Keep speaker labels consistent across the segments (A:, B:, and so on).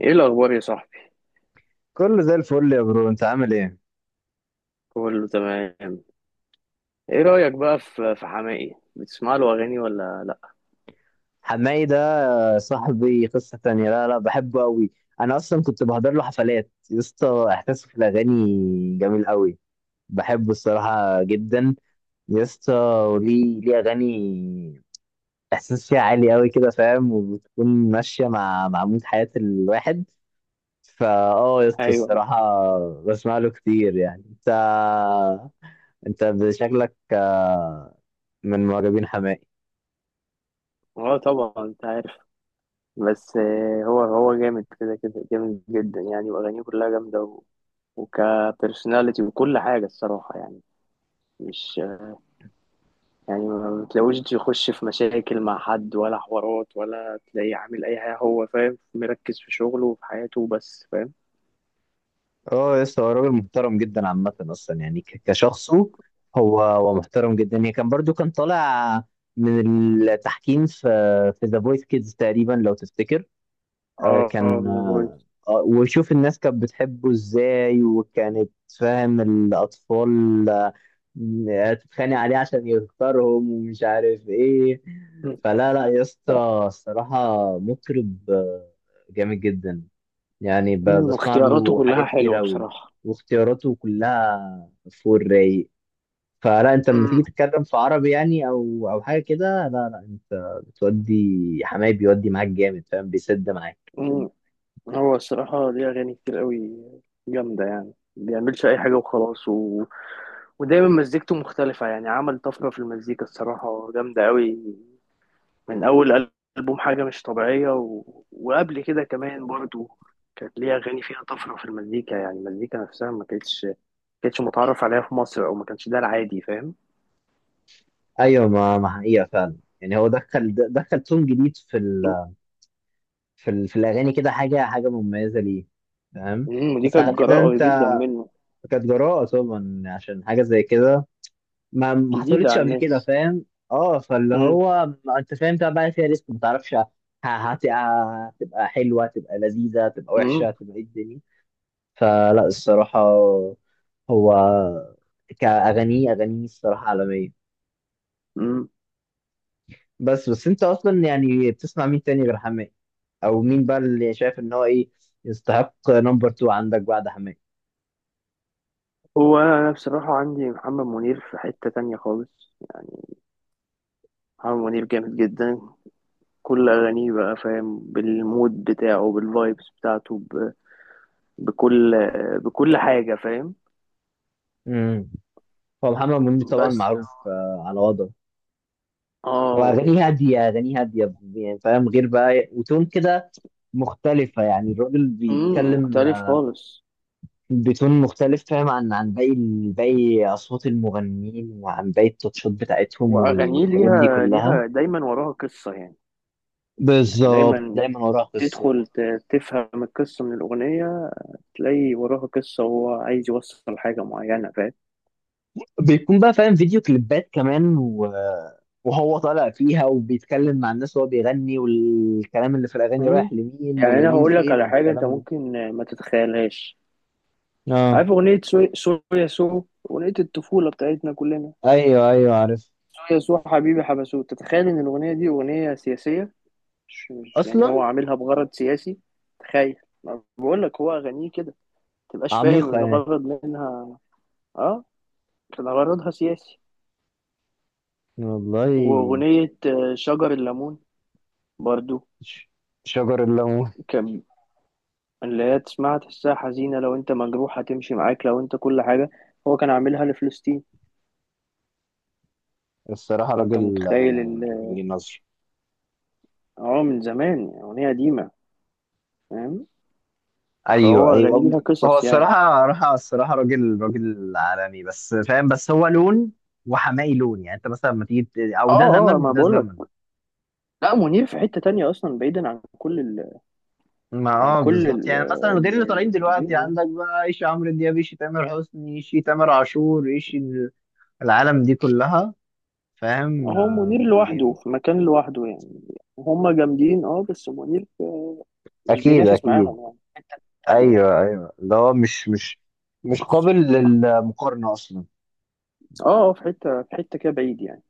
A: ايه الاخبار يا صاحبي؟
B: كله زي الفل يا برو، انت عامل ايه؟
A: كله تمام. ايه رايك بقى في حماقي؟ بتسمع له اغاني ولا لا؟
B: حماي ده صاحبي، قصة تانية. لا لا، بحبه قوي. انا اصلا كنت بحضر له حفلات يا اسطى، احساسه في الاغاني جميل قوي. بحبه الصراحة جدا يا اسطى. وليه اغاني احساس فيها عالي قوي كده، فاهم؟ وبتكون ماشية مع مود حياة الواحد. فا اه يا اسطى،
A: ايوه.
B: الصراحة بسمع له كتير. يعني انت، انت شكلك من معجبين حماقي.
A: اه طبعا، انت عارف. بس هو جامد، كده كده جامد جدا يعني، واغانيه كلها جامده وكبرسوناليتي وكل حاجه الصراحه يعني. مش يعني ما بتلاقوش يخش في مشاكل مع حد ولا حوارات ولا تلاقيه عامل اي حاجه، هو فاهم، مركز في شغله وفي حياته، بس فاهم.
B: اه، لسه هو راجل محترم جدا عامة، أصلا يعني كشخصه. هو محترم جدا. يعني كان برضو كان طالع من التحكيم في ذا فويس كيدز تقريبا، لو تفتكر. آه،
A: اه اه
B: كان
A: The Voice.
B: آه، وشوف الناس كانت بتحبه ازاي، وكانت فاهم الأطفال تتخانق عليه عشان يختارهم، ومش عارف ايه. فلا لا يا اسطى، الصراحة مطرب جامد جدا. يعني بسمع
A: واختياراته
B: له
A: كلها
B: حاجات كتير
A: حلوه
B: أوي.
A: بصراحه.
B: واختياراته كلها فوق الرايق. فلا، انت لما تيجي تتكلم في عربي يعني، او حاجه كده، لا لا انت بتودي. حماي بيودي معاك جامد، فاهم؟ بيسد معاك.
A: مم. هو الصراحة ليه أغاني كتير قوي جامدة يعني، ما بيعملش أي حاجة وخلاص ودايما مزيكته مختلفة، يعني عمل طفرة في المزيكا الصراحة جامدة قوي، من أول ألبوم حاجة مش طبيعية، و... وقبل كده كمان برضو كانت ليه أغاني فيها طفرة في المزيكا، يعني المزيكا نفسها ما كانتش ما كانتش متعرف عليها في مصر، أو ما كانش ده العادي فاهم.
B: ايوه، ما حقيقه فعلا. يعني هو دخل تون جديد في الاغاني كده، حاجه حاجه مميزه ليه، فاهم؟
A: مم. ودي
B: بس
A: كانت
B: على كده
A: جراءة جدا
B: انت،
A: منه،
B: كانت جراءه طبعا، عشان حاجه زي كده ما
A: جديدة
B: حصلتش
A: على
B: قبل كده،
A: الناس.
B: فاهم؟ اه، فاللي
A: مم.
B: هو ما انت فاهم ده بقى فيها ريسك، ما تعرفش هتبقى حلوه، هتبقى لذيذه، هتبقى وحشه،
A: مم.
B: هتبقى ايه الدنيا. فلا الصراحه هو كاغانيه اغانيه الصراحه عالميه.
A: مم.
B: بس انت اصلا يعني بتسمع مين تاني غير حماقي؟ او مين بقى اللي شايف ان هو ايه يستحق نمبر 2 عندك بعد حماقي؟
A: هو أنا بصراحة عندي محمد منير في حتة تانية خالص، يعني محمد منير جامد جدا، كل أغانيه بقى فاهم، بالمود بتاعه، بالفايبس بتاعته بكل بكل حاجة فاهم.
B: امم هو محمد منير طبعا
A: بس.
B: معروف على وضعه. هو
A: اه.
B: أغانيه هادية، أغانيه هادية يعني فاهم، غير بقى، وتون كده مختلفة. يعني الراجل
A: امم.
B: بيتكلم
A: مختلف خالص.
B: بتون مختلف، فاهم؟ عن باقي، باقي أصوات المغنيين، وعن باقي التاتشات بتاعتهم،
A: وأغانيه
B: والحاجات دي
A: ليها
B: كلها.
A: ليها دايما وراها قصة يعني، يعني
B: بالظبط،
A: دايما
B: دايما وراها قصة.
A: تدخل تفهم القصة من الأغنية، تلاقي وراها قصة وهو عايز يوصل حاجة معينة فاهم.
B: بيكون بقى فاهم فيديو كليبات كمان، و... وهو طالع فيها وبيتكلم مع الناس وهو بيغني، والكلام اللي في الأغاني
A: مم.
B: رايح لمين،
A: يعني أنا
B: ومين
A: هقول لك
B: فين،
A: على حاجة أنت
B: والكلام ده.
A: ممكن ما تتخيلهاش،
B: اه.
A: عارف أغنية سو سو يا سو؟ أغنية الطفولة بتاعتنا كلنا،
B: ايوه ايوه، عارف.
A: سو يا سو حبيبي حبسوه، تتخيل إن الأغنية دي أغنية سياسية؟ مش يعني هو
B: اصلا
A: عاملها بغرض سياسي، تخيل، ما بقول لك هو أغانيه كده متبقاش فاهم
B: عميقة يعني.
A: الغرض منها. اه كان غرضها سياسي.
B: والله.
A: وأغنية شجر الليمون برضو،
B: ش- شجر الليمون.
A: كان اللي هي تسمعها تحسها حزينة، لو أنت مجروح هتمشي معاك، لو أنت كل حاجة، هو كان عاملها لفلسطين.
B: الصراحة
A: فأنت
B: راجل
A: متخيل
B: راجل ليه نظر.
A: اه من زمان، يعني أغنية قديمة فاهم.
B: ايوه
A: فهو
B: ايوه
A: أغانيه ليها
B: هو
A: قصص يعني.
B: الصراحة الصراحة راجل، راجل عالمي بس فاهم، بس هو لون، وحمائي لون. يعني انت مثلا لما تيجي او ده زمن
A: اه اه ما
B: وده
A: بقول
B: زمن.
A: لك، لا منير في حتة تانية أصلا بعيدا عن كل ال...
B: ما
A: عن
B: اه
A: كل
B: بالظبط،
A: ال...
B: يعني مثلا غير
A: ال-
B: اللي طالعين دلوقتي
A: المطربين يعني.
B: عندك بقى، ايش عمرو دياب، ايش تامر حسني، ايش تامر عاشور، ايش العالم دي كلها، فاهم؟
A: هو منير لوحده
B: موجودين.
A: في مكان لوحده يعني، هما جامدين اه بس منير مش
B: اكيد
A: بينافس
B: اكيد.
A: معاهم يعني، في حتة تانية يعني.
B: ايوه ايوه اللي هو مش مش قابل للمقارنه اصلا.
A: اه في حتة كده بعيد يعني.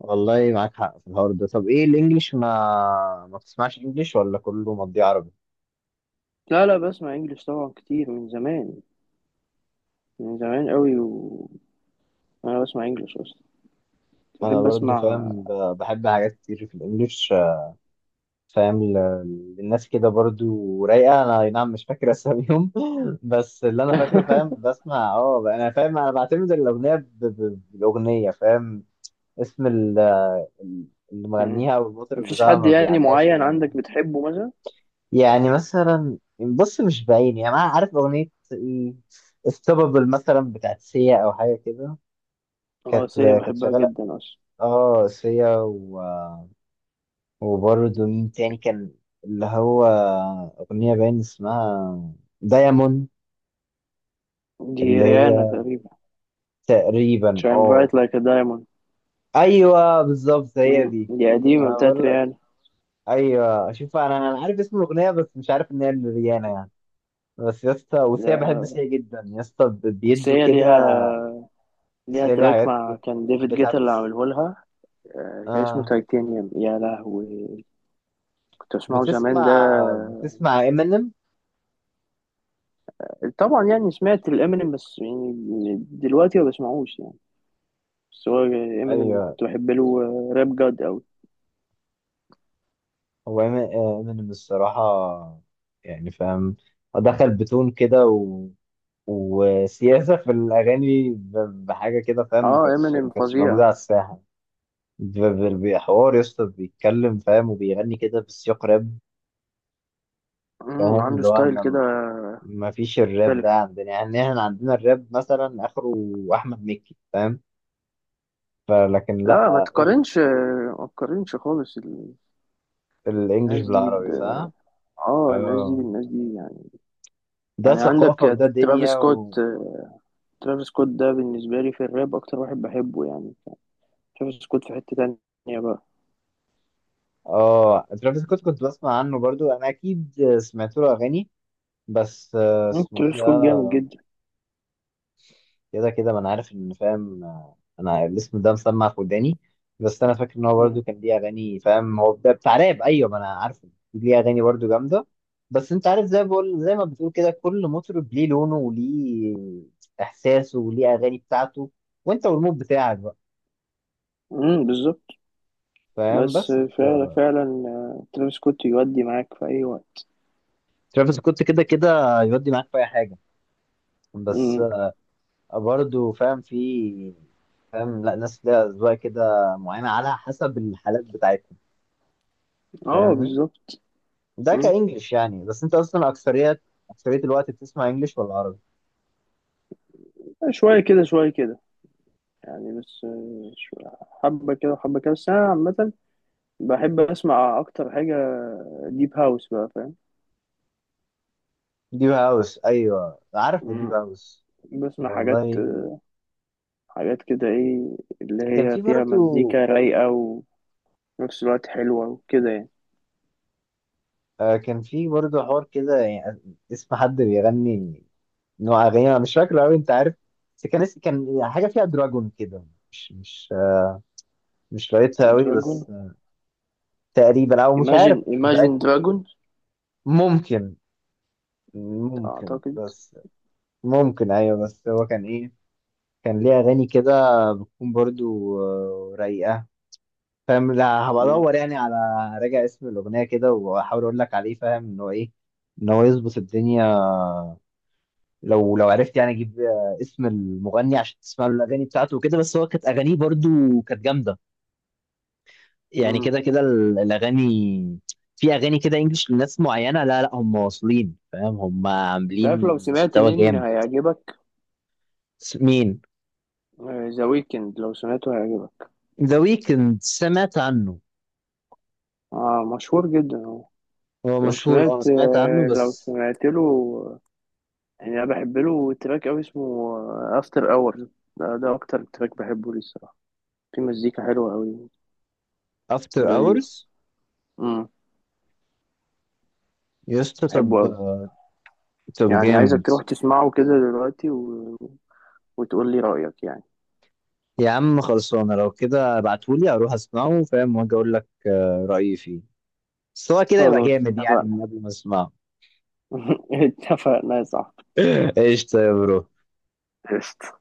B: والله معاك حق في الحوار ده. طب ايه الانجليش؟ ما بتسمعش انجليش، ولا كله مضيع عربي؟
A: لا لا بسمع انجلش طبعا كتير من زمان، من زمان قوي، وأنا بسمع انجلش أصلا،
B: انا
A: بحب
B: برضو
A: أسمع.
B: فاهم، بحب حاجات كتير في الانجليش، فاهم؟ للناس كده برضو رايقه، انا أي نعم مش فاكر اساميهم بس اللي انا فاكره، فاهم، بسمع. اه انا فاهم، انا بعتمد الاغنيه بالاغنيه، فاهم؟ اسم اللي
A: مم.
B: مغنيها والمطرب
A: مفيش
B: بتاعها
A: حد
B: ما
A: يعني
B: بيعلقش.
A: معين عندك بتحبه مثلا؟
B: يعني مثلا بص، مش باين يعني، انا عارف اغنيه ايه، استوبابل مثلا بتاعت سيا، او حاجه كده،
A: اه
B: كانت
A: سيا
B: كانت
A: بحبها
B: شغاله.
A: جدا أصلا.
B: اه، سيا، و... وبرضه مين تاني كان اللي هو اغنيه باين اسمها دايموند،
A: دي
B: اللي
A: ريانا
B: هي
A: تقريبا،
B: تقريبا
A: شاين
B: اه.
A: برايت لايك دايموند،
B: ايوه بالظبط هي دي.
A: دي
B: انا
A: قديمة بتاعت
B: بقول لك،
A: ريانا.
B: ايوه شوف، انا عارف اسم الاغنيه بس مش عارف ان هي لريانا يعني. بس يا اسطى، وسيا، بحب
A: ده-
B: سيا جدا يا اسطى،
A: بس
B: بيدوا
A: هي
B: كده.
A: ليها
B: بس
A: ليها
B: هي ليها
A: تراك
B: حاجات
A: مع
B: كتير.
A: كان ديفيد جيتا
B: بتاعت.
A: اللي عامله لها، كان اسمه
B: آه.
A: تايتانيوم يا لهوي، كنت اسمعه زمان ده.
B: بتسمع بتسمع امينيم؟
A: طبعا يعني سمعت الامينيم، بس يعني دلوقتي ما بسمعوش يعني، بس هو امينيم
B: ايوه.
A: كنت بحب له، راب جاد قوي.
B: هو امينيم الصراحة يعني فاهم، دخل بتون كده، و... وسياسة في الأغاني بحاجة كده، فاهم؟
A: اه
B: ما
A: امينيم
B: كانتش موجودة
A: فظيع.
B: على الساحة. بحوار يا اسطى، بيتكلم فاهم، وبيغني كده بسياق راب، فاهم؟
A: عنده
B: اللي هو
A: ستايل
B: احنا
A: كده
B: ما فيش الراب
A: مختلف.
B: ده عندنا يعني. احنا عندنا الراب مثلا آخره أحمد مكي، فاهم؟ فلكن
A: لا ما
B: لأ،
A: تقارنش، ما تقارنش خالص،
B: الانجليش
A: الناس دي
B: بالعربي، صح؟
A: اه الناس دي
B: اه،
A: بالناس دي،
B: ده
A: يعني
B: ثقافة
A: عندك
B: وده
A: ترافيس
B: دنيا.
A: سكوت،
B: و...
A: ترافيس سكوت ده بالنسبة لي في الراب أكتر واحد بحبه يعني، ترافيس سكوت في حتة تانية بقى.
B: اه، ترافيس سكوت كنت بسمع عنه برضو، انا اكيد سمعت له اغاني، بس اسمه ايه
A: ترافيس سكوت جامد
B: ده؟
A: جدا.
B: كده كده ما انا عارف ان فاهم، انا الاسم ده مسمع في وداني. بس انا فاكر ان هو
A: مم،
B: برضو كان ليه اغاني، فاهم، هو ده بتاع راب، ايوه ما انا عارفه. ليه اغاني برضو جامدة. بس انت عارف، زي ما بقول، زي ما بتقول كده، كل مطرب ليه لونه، وليه احساسه، وليه اغاني بتاعته، وانت والمود بتاعك بقى،
A: مم، بالظبط،
B: فاهم؟
A: بس
B: بس
A: فعلا فعلا، ترافيس سكوت يودي معاك في أي وقت.
B: ترافيس كنت كده كده يودي معاك في اي حاجه. بس
A: مم،
B: برضه فاهم في، فاهم، لا ناس ليها اذواق كده معينه على حسب الحالات بتاعتهم.
A: اه
B: فاهمني؟
A: بالظبط.
B: ده
A: مم.
B: كانجلش يعني. بس انت اصلا اكثريات، اكثريه الوقت بتسمع انجلش ولا عربي؟
A: شوية كده شوية كده يعني، بس حبة كده وحبة كده، بس أنا عامة بحب أسمع أكتر حاجة ديب هاوس بقى فاهم.
B: ديب هاوس، ايوه عارف ديب
A: مم،
B: هاوس.
A: بسمع حاجات
B: والله
A: حاجات كده ايه اللي
B: كان
A: هي
B: في
A: فيها
B: برضه،
A: مزيكا رايقة وفي نفس الوقت حلوة وكده يعني.
B: كان في برضه حوار كده. يعني اسم حد بيغني نوع اغاني انا مش فاكره قوي، انت عارف؟ بس كان كان حاجه فيها دراجون كده، مش مش لقيتها قوي،
A: دراجون،
B: بس تقريبا، او مش
A: Imagine
B: عارف، مش
A: Imagine
B: متاكد.
A: Dragon،
B: ممكن، ممكن
A: أعتقد.
B: بس. ممكن ايوه، بس هو كان ايه، كان ليه اغاني كده تكون برضو رايقه، فاهم؟ لا، هبقى
A: مم.
B: ادور يعني على راجع اسم الاغنيه كده، واحاول اقول لك عليه، فاهم ان هو ايه، ان هو يظبط الدنيا. لو عرفت يعني اجيب اسم المغني عشان تسمع له الاغاني بتاعته وكده. بس هو كانت اغانيه برضو كانت جامده. يعني
A: مم.
B: كده كده الاغاني. في اغاني كده انجلش لناس معينه، لا لا هم واصلين، فاهم؟ هم
A: انت عارف
B: عاملين
A: لو سمعت
B: مستوى
A: مين
B: جامد.
A: هيعجبك؟
B: مين؟
A: ذا ويكند لو سمعته هيعجبك.
B: ذا ويكند سمعت عنه.
A: اه مشهور جدا هو.
B: هو مشهور اه، سمعت عنه
A: لو
B: بس.
A: سمعت له، يعني انا بحب له تراك قوي اسمه افتر اور، ده اكتر تراك بحبه ليه الصراحه، في مزيكا حلوه قوي
B: افتر
A: ولذيذ
B: اورز؟
A: امم
B: يسطا
A: بحبه
B: طب،
A: قوي.
B: طب
A: يعني عايزك
B: جامد.
A: تروح تسمعه كده دلوقتي وتقول لي رأيك يعني.
B: يا عم خلصانه، لو كده ابعتهولي، اروح اسمعه، فاهم، واجي اقول لك رايي فيه. بس هو كده يبقى
A: خلاص
B: جامد يعني
A: اتفقنا.
B: من قبل ما اسمعه.
A: اتفقنا يا صاحبي،
B: ايش طيب برو.
A: قشطة.